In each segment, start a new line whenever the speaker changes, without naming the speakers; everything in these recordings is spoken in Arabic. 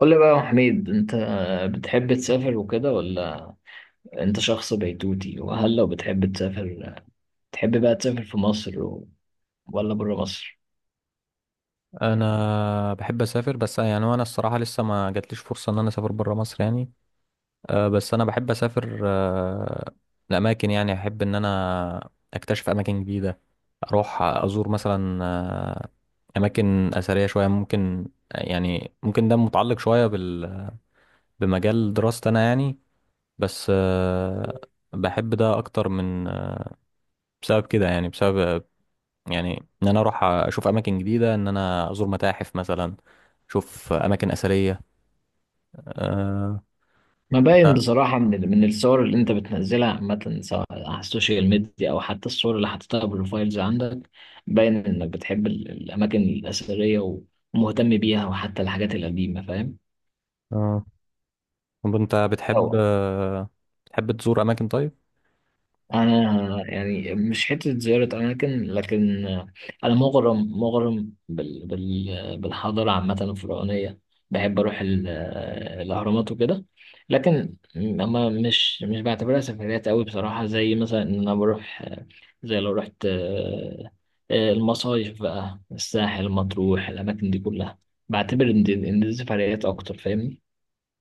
قول لي بقى يا حميد، انت بتحب تسافر وكده ولا انت شخص بيتوتي؟ وهل لو بتحب تسافر تحب بقى تسافر في مصر و- ولا بره مصر؟
انا بحب اسافر، بس يعني وانا الصراحه لسه ما جاتليش فرصه ان انا اسافر بره مصر يعني. بس انا بحب اسافر لاماكن، يعني احب ان انا اكتشف اماكن جديده، اروح ازور مثلا اماكن اثريه شويه ممكن، يعني ممكن ده متعلق شويه بمجال دراستي انا يعني. بس بحب ده اكتر من بسبب كده، يعني بسبب يعني ان انا اروح اشوف اماكن جديده، ان انا ازور متاحف مثلا، شوف اماكن اثريه. آه.
ما باين
لا.
بصراحة من من الصور اللي انت بتنزلها عامة، سواء على السوشيال ميديا او حتى الصور اللي حاططها بروفايلز عندك. باين انك بتحب الاماكن الاثرية ومهتم بيها، وحتى الحاجات القديمة، فاهم؟
آه. طب انت بتحب، بتحب تزور اماكن؟ طيب.
انا يعني مش حته زياره اماكن، لكن انا مغرم مغرم بالحضاره عامه الفرعونيه. بحب اروح الاهرامات وكده، لكن اما مش بعتبرها سفريات قوي بصراحه، زي مثلا ان انا بروح، زي لو رحت المصايف بقى، الساحل، مطروح، الاماكن دي كلها بعتبر ان دي سفريات اكتر، فاهمني؟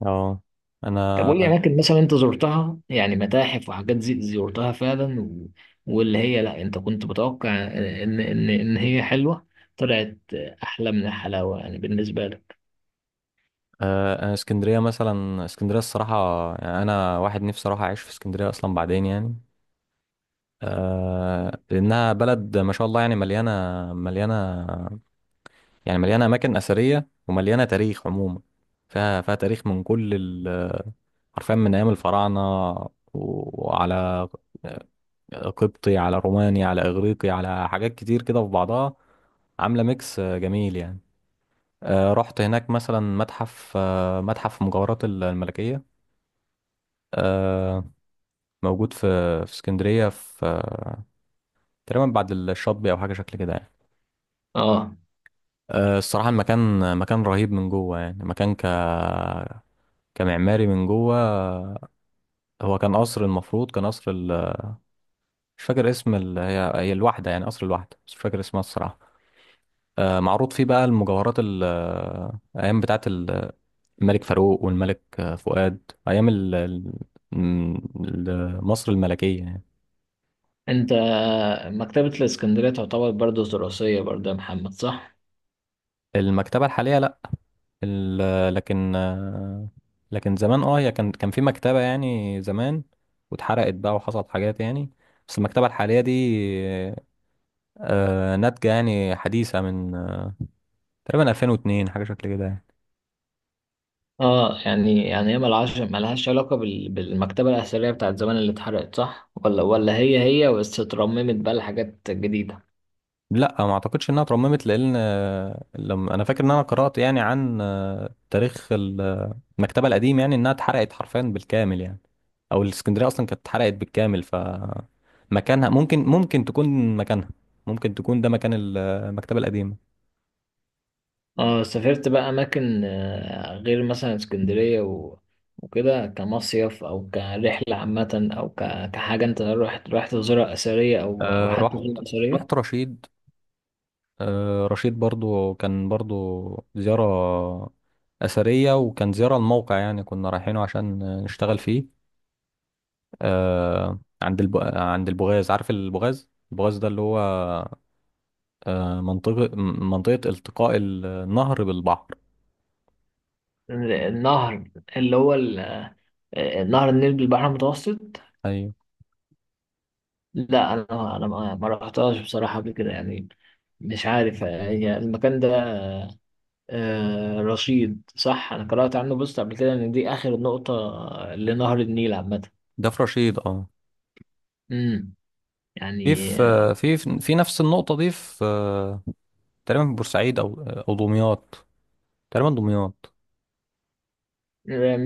اه، انا.
طب قول لي اماكن مثلا انت زرتها، يعني متاحف وحاجات زي زرتها فعلا واللي هي لا، انت كنت متوقع ان هي حلوه، طلعت احلى من الحلاوه، يعني بالنسبه لك.
آه، انا اسكندريه مثلا، اسكندريه الصراحه، يعني انا واحد نفسي اروح اعيش في اسكندريه اصلا بعدين يعني. آه، لانها بلد ما شاء الله، يعني مليانه، مليانه، يعني مليانه اماكن اثريه ومليانه تاريخ عموما. فيها تاريخ من كل حرفيا من ايام الفراعنه، وعلى قبطي، على روماني، على إغريقي، على حاجات كتير كده في بعضها، عاملة ميكس جميل يعني. رحت هناك مثلا متحف، متحف مجوهرات الملكية، آه، موجود في، في اسكندرية، في تقريبا بعد الشاطبي أو حاجة شكل كده يعني.
اه،
الصراحة المكان مكان رهيب من جوه، يعني مكان كمعماري من جوه. هو كان قصر، المفروض كان قصر مش فاكر اسم هي الواحدة، يعني قصر الواحدة، بس مش فاكر اسمها الصراحة. معروض فيه بقى المجوهرات ايام بتاعه الملك فاروق والملك فؤاد، ايام م- مصر الملكيه يعني.
انت مكتبه الاسكندريه تعتبر برضه دراسيه برضه يا محمد، صح؟
المكتبه الحاليه لا. لكن لكن زمان اه هي كان في مكتبه يعني زمان، واتحرقت بقى وحصلت حاجات يعني. بس المكتبه الحاليه دي ناتجه يعني، حديثه من تقريبا 2002، حاجه شكل كده يعني.
اه، يعني هي ملهاش علاقه بالمكتبه الاثريه بتاعت زمان اللي اتحرقت، صح؟ ولا هي هي بس اترممت بقى لحاجات جديده؟
لا، ما اعتقدش انها اترممت، لان لما انا فاكر ان انا قرأت يعني عن تاريخ المكتبة القديم، يعني انها اتحرقت حرفيا بالكامل يعني. او الاسكندرية اصلا كانت اتحرقت بالكامل، ف مكانها ممكن تكون مكانها، ممكن تكون ده مكان المكتبة القديمة.
اه، سافرت بقى اماكن غير مثلا اسكندريه وكده، كمصيف او كرحله عامه، او كحاجه انت رحت تزورها اثريه او او
آه،
حتى
رحت
غير اثريه؟
رحت رشيد. رشيد برضو كان برضو زيارة أثرية، وكان زيارة الموقع، يعني كنا رايحينه عشان نشتغل فيه. آه عند عند البغاز، عارف البغاز؟ البغاز ده اللي هو آه منطقة منطقة التقاء النهر بالبحر.
النهر اللي هو نهر النيل بالبحر المتوسط.
ايوه،
لا، انا ما رحتهاش بصراحه قبل كده يعني. مش عارف هي المكان ده. آه، رشيد، صح؟ انا قرات عنه بوست قبل كده ان دي اخر نقطه لنهر النيل عامه.
ده في رشيد اه.
امم، يعني.
في في نفس النقطة دي، في تقريبا في بورسعيد او او دمياط، تقريبا دمياط.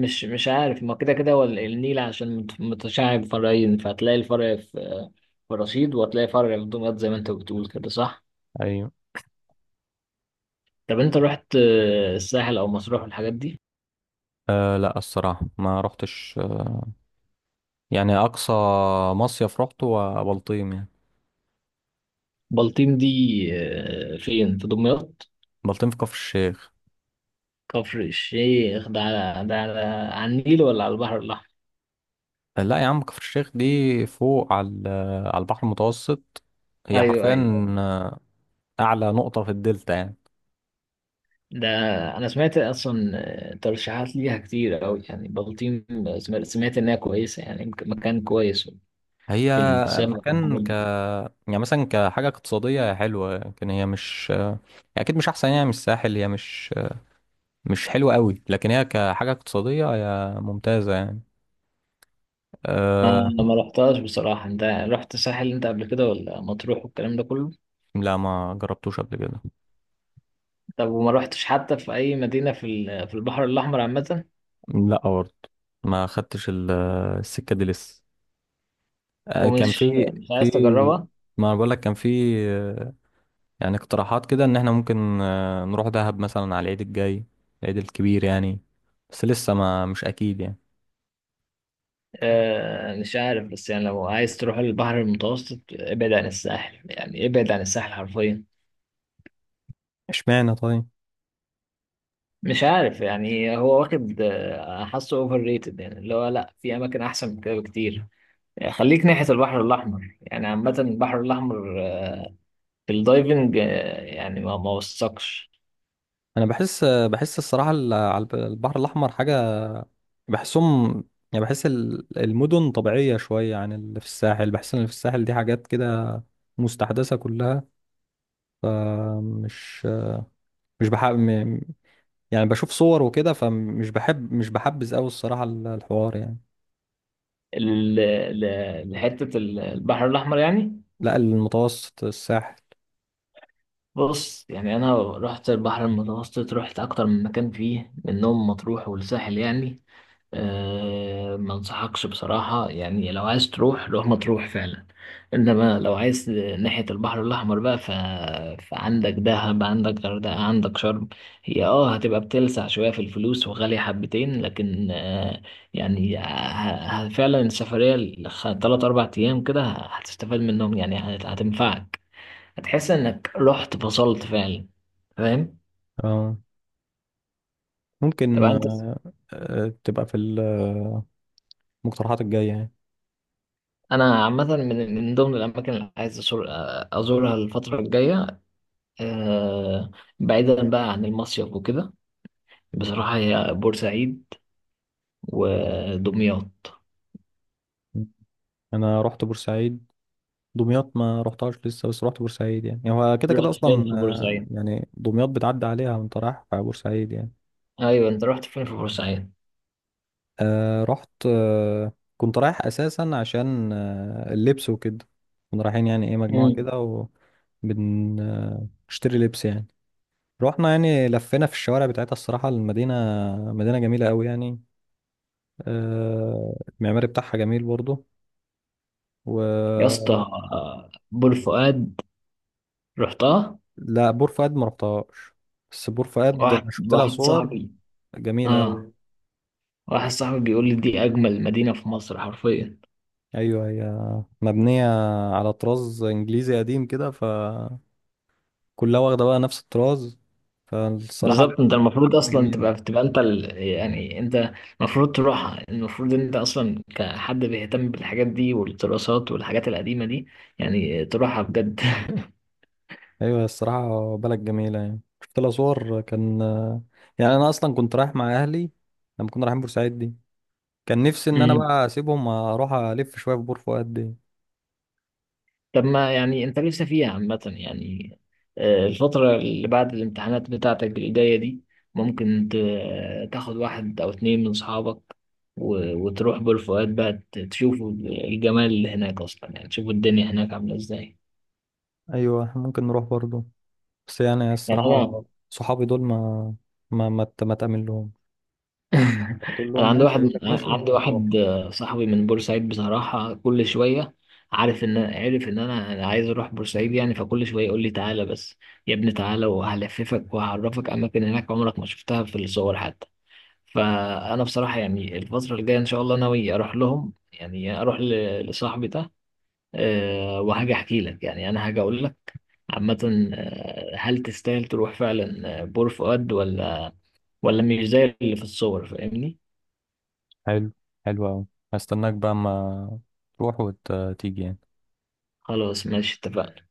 مش عارف، ما كده كده هو ال- النيل عشان متشعب فرعين، فهتلاقي الفرع في في رشيد، وهتلاقي فرع في دمياط، زي ما انت بتقول كده، صح؟
ايوه.
طب انت رحت آه، الساحل او مطروح والحاجات دي؟
آه لا، الصراحة ما رحتش. يعني اقصى مصيف رحته هو بلطيم يعني.
بلطيم دي آه، فين، في دمياط؟
بلطيم في كفر الشيخ.
كفر الشيخ ده على، ده على، على النيل ولا على البحر الاحمر؟
لا يا عم، كفر الشيخ دي فوق على على البحر المتوسط، هي
ايوه،
حرفيا
ايوه.
اعلى نقطه في الدلتا يعني.
ده انا سمعت اصلا آه، ترشيحات ليها كتير قوي يعني، بلطيم. سمعت انها كويسه، يعني مكان كويس
هي
في
مم.
السفر.
مكان يعني مثلا كحاجه اقتصاديه هي حلوه، لكن هي مش اكيد مش احسن، يعني مش الساحل، هي مش حلوه قوي، لكن هي كحاجه اقتصاديه هي ممتازه يعني.
ما
أه.
ما رحتهاش بصراحة. انت رحت الساحل انت قبل كده ولا مطروح والكلام ده كله؟
لا ما جربتوش قبل كده.
طب وما رحتش حتى في اي مدينة في ال- في البحر الاحمر عامة؟
لا برضه، ما خدتش السكه دي لسه. أه كان
ومش
في،
مش
في.
عايز تجربها؟
ما انا بقول لك كان في، يعني اقتراحات كده ان احنا ممكن نروح دهب مثلا على العيد الجاي، العيد الكبير يعني. بس لسه ما مش اكيد يعني.
آه، مش عارف، بس يعني لو عايز تروح البحر المتوسط، ابعد عن الساحل، يعني ابعد عن الساحل حرفيا.
اشمعنى طيب؟
مش عارف يعني، هو واخد آه، حاسه اوفر ريتد، يعني اللي هو لا، في اماكن احسن من كده بكتير. يعني خليك ناحية البحر الاحمر، يعني عامة البحر الاحمر آه، في الدايفنج آه، يعني ما وثقش
انا بحس الصراحه البحر الاحمر حاجه، بحسهم، يعني بحس المدن طبيعيه شويه عن اللي في الساحل، بحس ان اللي في الساحل دي حاجات كده مستحدثه كلها. فمش مش بحب يعني، بشوف صور وكده فمش بحب، مش بحبذ قوي الصراحه الحوار يعني.
ال-، لحتة ال- البحر الأحمر يعني.
لا، المتوسط، الساحل.
بص، يعني أنا رحت البحر المتوسط، رحت أكتر من مكان فيه منهم، مطروح والساحل يعني. أه، ما انصحكش بصراحة. يعني لو عايز تروح، روح مطروح فعلا، انما لو عايز ناحية البحر الاحمر بقى فعندك دهب، عندك غردقة، عندك شرم. هي اه هتبقى بتلسع شوية في الفلوس وغالية حبتين، لكن أه، يعني فعلا السفرية تلات اربع ايام كده هتستفاد منهم، يعني هتنفعك، هتحس انك رحت فصلت فعلا، فاهم؟
آه.
طب
ممكن
انت،
تبقى في المقترحات الجاية يعني.
انا عامه من من ضمن الاماكن اللي عايز أزور ازورها الفتره الجايه آه، بعيدا بقى عن المصيف وكده، بصراحه هي بورسعيد ودمياط.
أنا رحت بورسعيد. دمياط ما رحتهاش لسه، بس رحت بورسعيد، يعني هو كده كده
رحت فين
أصلا.
في بورسعيد؟
يعني دمياط بتعدي عليها وأنت رايح في بورسعيد يعني.
ايوه، انت رحت فين في بورسعيد؟
رحت. كنت رايح أساسا عشان اللبس وكده، كنا رايحين يعني إيه مجموعة
مم.
كده، وبنشتري لبس يعني. رحنا يعني لفينا في الشوارع بتاعتها، الصراحة المدينة مدينة جميلة أوي يعني. المعماري بتاعها جميل برضو
يا
و.
اسطى آه، بور فؤاد، رحتها؟
لا، بور فؤاد ما رحتهاش، بس بور فؤاد
واحد
شفت لها
واحد
صور
صاحبي.
جميلة
اه،
أوي.
واحد صاحبي بيقول لي دي اجمل مدينه في مصر حرفيا.
أيوة هي مبنية على طراز إنجليزي قديم كده، فكلها واخدة بقى نفس الطراز، فالصراحة
بالظبط، انت المفروض
مكانة
اصلا
جميلة.
تبقى انت يعني انت المفروض تروحها. المفروض انت اصلا كحد بيهتم بالحاجات دي والدراسات والحاجات القديمة دي، يعني تروحها بجد.
أيوة الصراحة بلد جميلة، يعني شفت لها صور. كان يعني أنا أصلا كنت رايح مع أهلي لما كنا رايحين بورسعيد دي، كان نفسي إن أنا
امم.
بقى أسيبهم أروح ألف شوية في بور فؤاد دي.
طب، ما يعني انت لسه فيها عامة يعني، آه، الفترة اللي بعد الامتحانات بتاعتك الجاية دي، ممكن تاخد واحد او اتنين من صحابك وتروح بالفؤاد بقى، تشوفوا الجمال اللي هناك اصلا، يعني تشوفوا الدنيا هناك عاملة ازاي.
أيوة إحنا ممكن نروح برضه، بس يعني
يعني انا
الصراحة صحابي دول ما، ما تأمن لهم، تقول
انا
لهم
عندي
ماشي يقول لك ماشي وما تروحش.
واحد آه، صاحبي من بورسعيد بصراحه، كل شويه عارف ان عارف ان انا أنا عايز اروح بورسعيد يعني، فكل شويه يقول لي تعالى بس يا ابني، تعالى وهلففك وهعرفك اماكن هناك عمرك ما شفتها في الصور حتى. فانا بصراحه يعني الفتره الجايه ان شاء الله ناوي اروح لهم، يعني اروح لصاحبي ده آه، وهاجي احكي لك، يعني انا هاجي اقول لك عامه آه، هل تستاهل تروح فعلا آه، بور فؤاد ولا مش زي اللي في الصور، فاهمني؟
حلو، حلو أوي. هستناك بقى أما تروح وتيجي يعني.
خلاص ماشي، اتفقنا.